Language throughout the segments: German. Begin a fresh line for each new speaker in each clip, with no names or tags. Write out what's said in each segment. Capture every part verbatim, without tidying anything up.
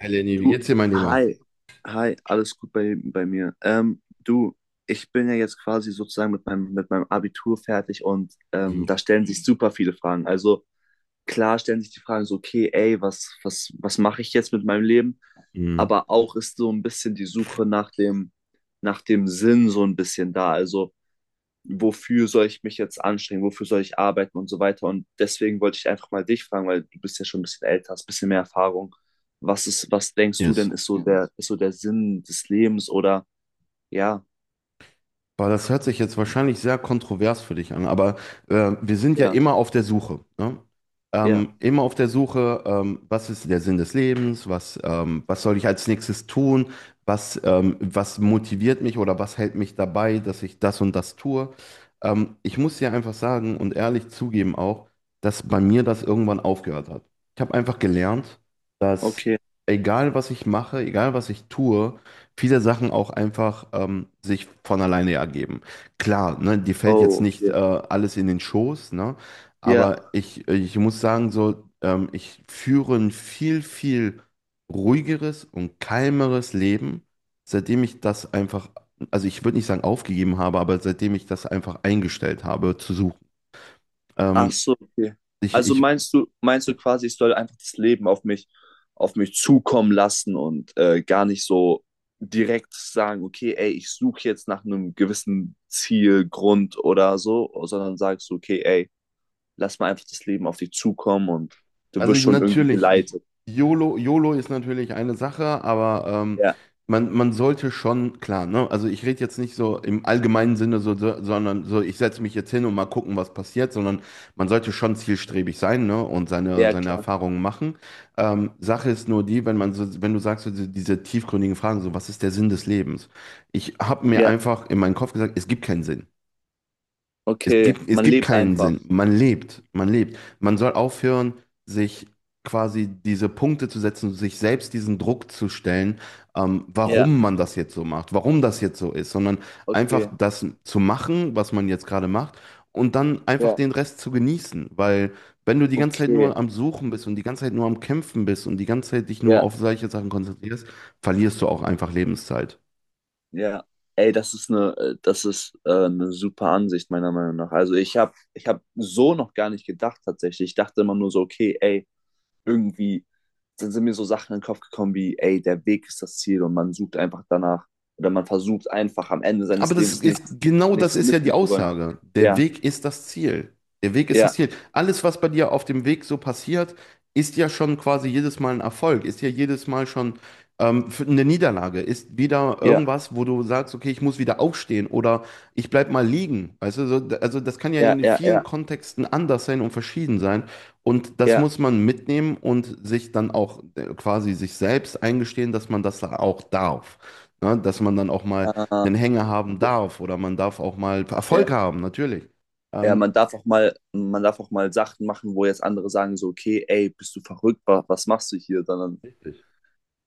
Hi Lenny, wie
Du,
geht's dir, mein Lieber?
hi, hi, alles gut bei, bei mir. Ähm, du, ich bin ja jetzt quasi sozusagen mit meinem, mit meinem Abitur fertig und ähm,
Mhm.
da stellen sich super viele Fragen. Also klar stellen sich die Fragen so, okay, ey, was, was, was mache ich jetzt mit meinem Leben?
Mhm.
Aber auch ist so ein bisschen die Suche nach dem, nach dem Sinn so ein bisschen da. Also wofür soll ich mich jetzt anstrengen, wofür soll ich arbeiten und so weiter. Und deswegen wollte ich einfach mal dich fragen, weil du bist ja schon ein bisschen älter, hast ein bisschen mehr Erfahrung. Was ist, was denkst du
Yes.
denn, ist so der, ist so der Sinn des Lebens oder? Ja,
Boah, das hört sich jetzt wahrscheinlich sehr kontrovers für dich an, aber äh, wir sind ja
ja,
immer auf der Suche, ne?
ja,
Ähm, immer auf der Suche, ähm, was ist der Sinn des Lebens, was, ähm, was soll ich als nächstes tun, was, ähm, was motiviert mich oder was hält mich dabei, dass ich das und das tue. Ähm, ich muss dir einfach sagen und ehrlich zugeben auch, dass bei mir das irgendwann aufgehört hat. Ich habe einfach gelernt, dass
okay.
egal was ich mache, egal was ich tue, viele Sachen auch einfach ähm, sich von alleine ergeben. Klar, ne, dir fällt jetzt
Oh,
nicht äh,
okay.
alles in den Schoß, ne,
Ja.
aber ich, ich muss sagen, so, ähm, ich führe ein viel, viel ruhigeres und kalmeres Leben, seitdem ich das einfach, also ich würde nicht sagen aufgegeben habe, aber seitdem ich das einfach eingestellt habe zu suchen.
Ach
Ähm,
so, okay.
ich,
Also
ich
meinst du, meinst du quasi, ich soll einfach das Leben auf mich, auf mich zukommen lassen und äh, gar nicht so direkt sagen, okay, ey, ich suche jetzt nach einem gewissen Ziel, Grund oder so, sondern sagst du, okay, ey, lass mal einfach das Leben auf dich zukommen und du
Also
wirst schon irgendwie
natürlich,
geleitet.
YOLO, YOLO ist natürlich eine Sache, aber ähm,
Ja,
man, man sollte schon, klar, ne? Also ich rede jetzt nicht so im allgemeinen Sinne, so, so, sondern so, ich setze mich jetzt hin und mal gucken, was passiert, sondern man sollte schon zielstrebig sein, ne? Und seine,
ja,
seine
klar.
Erfahrungen machen. Ähm, Sache ist nur die, wenn man so, wenn du sagst, so diese, diese tiefgründigen Fragen, so, was ist der Sinn des Lebens? Ich habe mir
Ja,
einfach in meinen Kopf gesagt, es gibt keinen Sinn. Es
okay.
gibt, es
Man
gibt
lebt
keinen Sinn.
einfach.
Man lebt, man lebt. Man soll aufhören, sich quasi diese Punkte zu setzen, sich selbst diesen Druck zu stellen, ähm,
Ja,
warum man das jetzt so macht, warum das jetzt so ist, sondern einfach
okay.
das zu machen, was man jetzt gerade macht und dann einfach
Ja,
den Rest zu genießen. Weil wenn du die ganze Zeit
okay.
nur am Suchen bist und die ganze Zeit nur am Kämpfen bist und die ganze Zeit dich nur
Ja.
auf solche Sachen konzentrierst, verlierst du auch einfach Lebenszeit.
Ja, ey, das ist eine, äh, das ist äh, eine super Ansicht meiner Meinung nach. Also ich habe, ich habe so noch gar nicht gedacht tatsächlich. Ich dachte immer nur so, okay, ey, irgendwie dann sind mir so Sachen in den Kopf gekommen wie, ey, der Weg ist das Ziel und man sucht einfach danach oder man versucht einfach am Ende
Aber
seines
das
Lebens
ist,
nichts,
genau das
nichts
ist ja die
missen zu wollen.
Aussage. Der
Ja,
Weg ist das Ziel. Der Weg ist das
ja,
Ziel. Alles, was bei dir auf dem Weg so passiert, ist ja schon quasi jedes Mal ein Erfolg, ist ja jedes Mal schon ähm, für- eine Niederlage, ist wieder
ja,
irgendwas, wo du sagst, okay, ich muss wieder aufstehen oder ich bleib mal liegen. Weißt du, so, d- also das kann ja
ja,
in
ja,
vielen
ja,
Kontexten anders sein und verschieden sein. Und das
ja.
muss man mitnehmen und sich dann auch äh, quasi sich selbst eingestehen, dass man das auch darf. Ne? Dass man dann auch mal
Äh, ja,
einen Hänger haben darf oder man darf auch mal
ja,
Erfolg haben, natürlich.
ja,
Ähm,
man darf auch mal, man darf auch mal Sachen machen, wo jetzt andere sagen so, okay, ey, bist du verrückt, was, was machst du hier? Sondern
Richtig.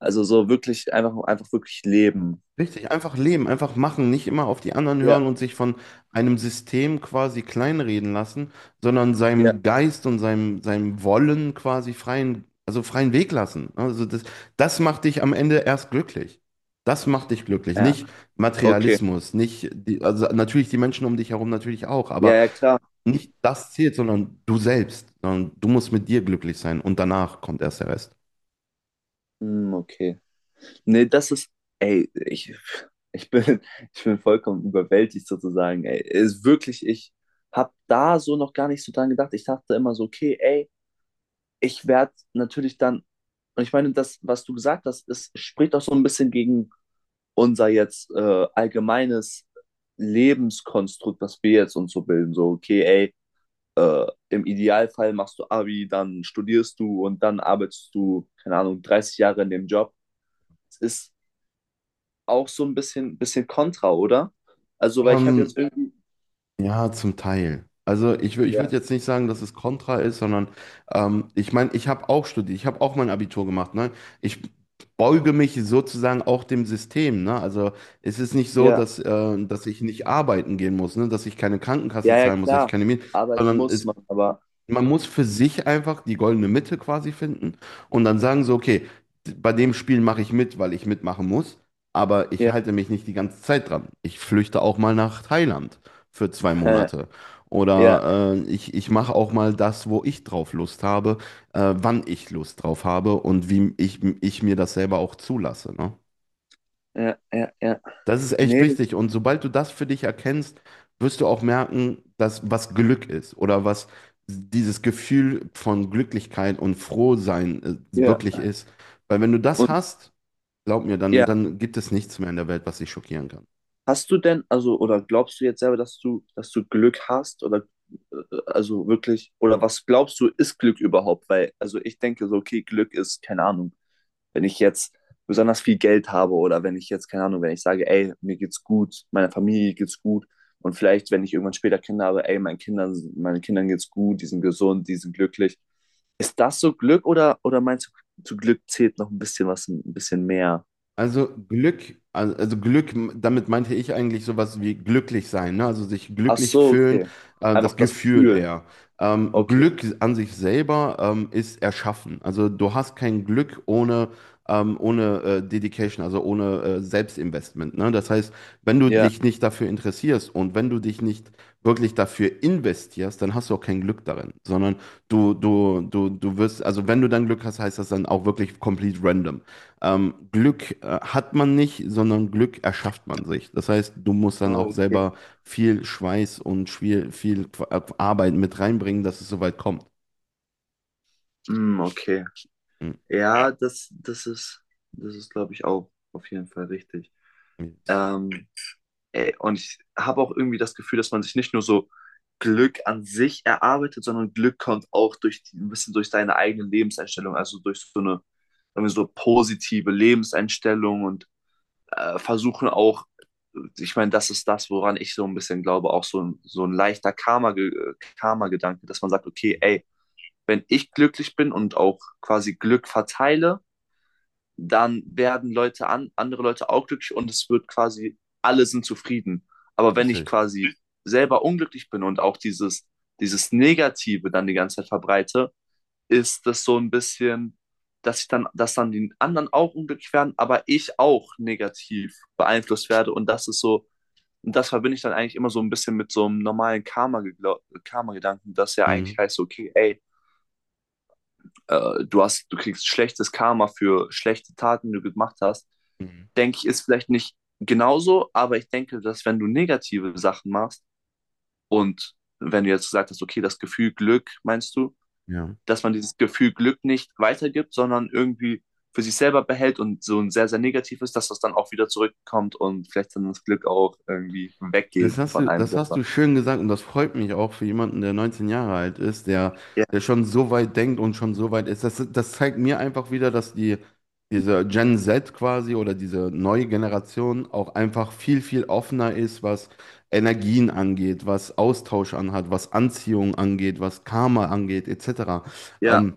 Also so wirklich einfach, einfach wirklich leben.
Einfach leben, einfach machen, nicht immer auf die anderen
Ja,
hören und sich von einem System quasi kleinreden lassen, sondern
ja.
seinem Geist und seinem, seinem Wollen quasi freien, also freien Weg lassen. Also das, das macht dich am Ende erst glücklich. Das macht dich glücklich,
Ja,
nicht
okay.
Materialismus, nicht die, also natürlich die Menschen um dich herum natürlich auch,
Ja,
aber
ja, klar.
nicht das zählt, sondern du selbst. Sondern du musst mit dir glücklich sein und danach kommt erst der Rest.
Hm, okay. Nee, das ist, ey, ich, ich bin, ich bin vollkommen überwältigt sozusagen, ey. Ist wirklich, ich hab da so noch gar nicht so dran gedacht. Ich dachte immer so, okay, ey, ich werde natürlich dann, und ich meine, das, was du gesagt hast, es spricht auch so ein bisschen gegen unser jetzt äh, allgemeines Lebenskonstrukt, was wir jetzt uns so bilden. So, okay, ey, Äh, im Idealfall machst du Abi, dann studierst du und dann arbeitest du, keine Ahnung, dreißig Jahre in dem Job. Es ist auch so ein bisschen, bisschen kontra, oder? Also, weil ich habe
Ähm,
jetzt irgendwie.
ja, zum Teil. Also ich, wür- ich würde
Ja,
jetzt nicht sagen, dass es kontra ist, sondern ähm, ich meine, ich habe auch studiert, ich habe auch mein Abitur gemacht. Ne? Ich beuge mich sozusagen auch dem System. Ne? Also es ist nicht so,
ja,
dass, äh, dass ich nicht arbeiten gehen muss, ne? Dass ich keine Krankenkasse
ja, ja,
zahlen muss, dass ich
klar.
keine Miete,
Arbeiten
sondern
muss
es
man, aber
Man muss für sich einfach die goldene Mitte quasi finden und dann sagen so, okay, d- bei dem Spiel mache ich mit, weil ich mitmachen muss, aber ich
ja,
halte mich nicht die ganze Zeit dran. Ich flüchte auch mal nach Thailand für zwei
äh,
Monate.
ja,
Oder äh, ich, ich mache auch mal das, wo ich drauf Lust habe, äh, wann ich Lust drauf habe und wie ich, ich mir das selber auch zulasse, ne?
ja, ja, ja.
Das ist echt
Nee,
wichtig. Und sobald du das für dich erkennst, wirst du auch merken, dass was Glück ist oder was dieses Gefühl von Glücklichkeit und Frohsein äh,
ja.
wirklich ist. Weil wenn du das
Und
hast, glaub mir, dann,
ja,
dann gibt es nichts mehr in der Welt, was dich schockieren kann.
hast du denn, also, oder glaubst du jetzt selber, dass du, dass du Glück hast oder äh, also wirklich, oder was glaubst du, ist Glück überhaupt? Weil, also ich denke so, okay, Glück ist, keine Ahnung, wenn ich jetzt besonders viel Geld habe oder wenn ich jetzt, keine Ahnung, wenn ich sage, ey, mir geht's gut, meiner Familie geht's gut und vielleicht, wenn ich irgendwann später Kinder habe, ey, meinen Kindern, meinen Kindern geht's gut, die sind gesund, die sind glücklich. Ist das so Glück oder, oder meinst du, zu Glück zählt noch ein bisschen was, ein bisschen mehr?
Also Glück, also also Glück, damit meinte ich eigentlich sowas wie glücklich sein, ne? Also sich
Ach
glücklich
so,
fühlen,
okay.
äh,
Einfach
das
das
Gefühl
Gefühl.
eher. Ähm,
Okay.
Glück an sich selber ähm, ist erschaffen. Also du hast kein Glück ohne, ähm, ohne äh, Dedication, also ohne äh, Selbstinvestment, ne? Das heißt, wenn du
Ja.
dich nicht dafür interessierst und wenn du dich nicht wirklich dafür investierst, dann hast du auch kein Glück darin, sondern du, du, du, du wirst, also wenn du dann Glück hast, heißt das dann auch wirklich complete random. Ähm, Glück äh, hat man nicht, sondern Glück erschafft man sich. Das heißt, du musst dann auch
Oh, okay.
selber viel Schweiß und viel, viel Qu- äh, Arbeit mit reinbringen, dass es so weit kommt.
Mm, okay.
Mhm.
Ja, das, das ist, das ist, glaube ich, auch auf jeden Fall richtig.
Yes.
Ähm, Ey, und ich habe auch irgendwie das Gefühl, dass man sich nicht nur so Glück an sich erarbeitet, sondern Glück kommt auch durch die, ein bisschen durch deine eigene Lebenseinstellung, also durch so eine, sagen wir, so positive Lebenseinstellung und äh, versuchen auch, ich meine, das ist das, woran ich so ein bisschen glaube, auch so ein, so ein leichter Karma, Karma-Gedanke, dass man sagt, okay, ey, wenn ich glücklich bin und auch quasi Glück verteile, dann werden Leute an, andere Leute auch glücklich und es wird quasi, alle sind zufrieden. Aber wenn ich
Richtig.
quasi selber unglücklich bin und auch dieses, dieses Negative dann die ganze Zeit verbreite, ist das so ein bisschen, dass ich dann, dass dann die anderen auch unglücklich werden, aber ich auch negativ beeinflusst werde. Und das ist so, und das verbinde ich dann eigentlich immer so ein bisschen mit so einem normalen Karma-Gedanken, Karma, das ja
Mhm.
eigentlich heißt, okay, ey, äh, du hast, du kriegst schlechtes Karma für schlechte Taten, die du gemacht hast,
Mhm.
denke ich, ist vielleicht nicht genauso, aber ich denke, dass wenn du negative Sachen machst und wenn du jetzt gesagt hast, okay, das Gefühl Glück, meinst du,
Ja.
dass man dieses Gefühl Glück nicht weitergibt, sondern irgendwie für sich selber behält und so ein sehr, sehr negativ ist, dass das dann auch wieder zurückkommt und vielleicht dann das Glück auch irgendwie
Das
weggeht
hast
von
du,
einem
das hast
selber.
du schön gesagt, und das freut mich auch für jemanden, der neunzehn Jahre alt ist, der,
Ja,
der schon so weit denkt und schon so weit ist. Das, das zeigt mir einfach wieder, dass die, diese Gen Zett quasi oder diese neue Generation auch einfach viel, viel offener ist, was Energien angeht, was Austausch anhat, was Anziehung angeht, was Karma angeht, et cetera.
ja,
Ähm,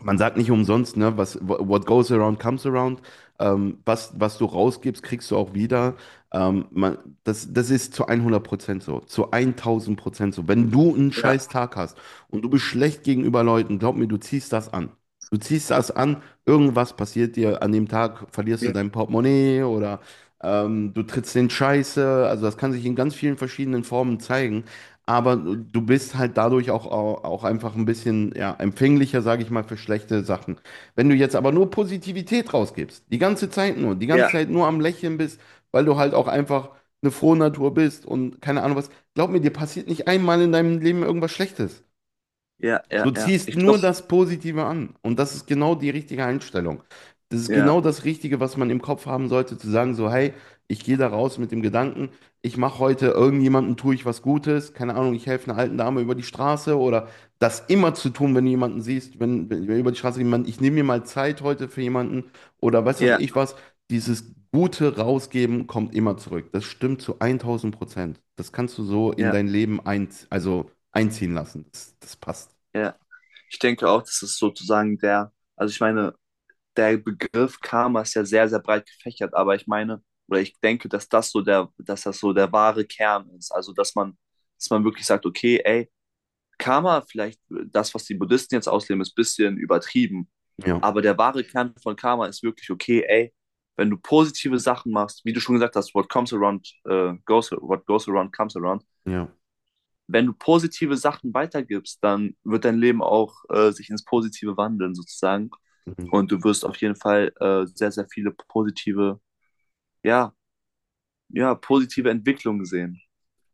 Man sagt nicht umsonst, ne, was what goes around comes around. Ähm, was, was du rausgibst, kriegst du auch wieder. Ähm, man, das, das ist zu hundert Prozent so, zu tausend Prozent so. Wenn du einen
ja,
scheiß Tag hast und du bist schlecht gegenüber Leuten, glaub mir, du ziehst das an. Du ziehst das an, irgendwas passiert dir an dem Tag, verlierst du
ja,
dein Portemonnaie oder ähm, du trittst in Scheiße. Also das kann sich in ganz vielen verschiedenen Formen zeigen, aber du bist halt dadurch auch, auch, auch einfach ein bisschen ja, empfänglicher, sage ich mal, für schlechte Sachen. Wenn du jetzt aber nur Positivität rausgibst, die ganze Zeit nur, die ganze
ja,
Zeit nur am Lächeln bist, weil du halt auch einfach eine frohe Natur bist und keine Ahnung was, glaub mir, dir passiert nicht einmal in deinem Leben irgendwas Schlechtes.
ja,
Du
ja, ja.
ziehst
Ich
nur
glaube,
das Positive an. Und das ist genau die richtige Einstellung. Das ist
ja,
genau das Richtige, was man im Kopf haben sollte, zu sagen, so, hey, ich gehe da raus mit dem Gedanken, ich mache heute irgendjemandem, tue ich was Gutes, keine Ahnung, ich helfe einer alten Dame über die Straße oder das immer zu tun, wenn du jemanden siehst, wenn, wenn über die Straße jemand, ich nehme mir mal Zeit heute für jemanden oder weiß was
ja,
ich was, dieses Gute rausgeben kommt immer zurück. Das stimmt zu tausend Prozent. Das kannst du so in
ja,
dein Leben ein, also einziehen lassen. Das, das passt.
ja. Ich denke auch, das ist sozusagen der, also ich meine, der Begriff Karma ist ja sehr, sehr breit gefächert, aber ich meine, oder ich denke, dass das so der, dass das so der wahre Kern ist. Also, dass man, dass man wirklich sagt, okay, ey, Karma, vielleicht das, was die Buddhisten jetzt ausleben, ist ein bisschen übertrieben.
Ja,
Aber der wahre Kern von Karma ist wirklich, okay, ey, wenn du positive Sachen machst, wie du schon gesagt hast, what comes around, äh, goes, what goes around comes around.
ja,
Wenn du positive Sachen weitergibst, dann wird dein Leben auch äh, sich ins Positive wandeln, sozusagen.
mhm.
Und du wirst auf jeden Fall äh, sehr, sehr viele positive, ja, ja, positive Entwicklungen sehen.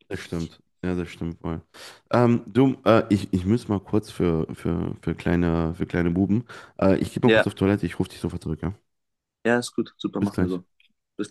Das stimmt. Ja, das stimmt wohl. Ähm, du, äh, ich, ich muss mal kurz für, für, für kleine, für kleine Buben. Äh, ich gehe mal
Ja,
kurz auf Toilette, ich rufe dich sofort zurück, ja?
ja, ist gut. Super,
Bis
machen wir
gleich.
so. Bis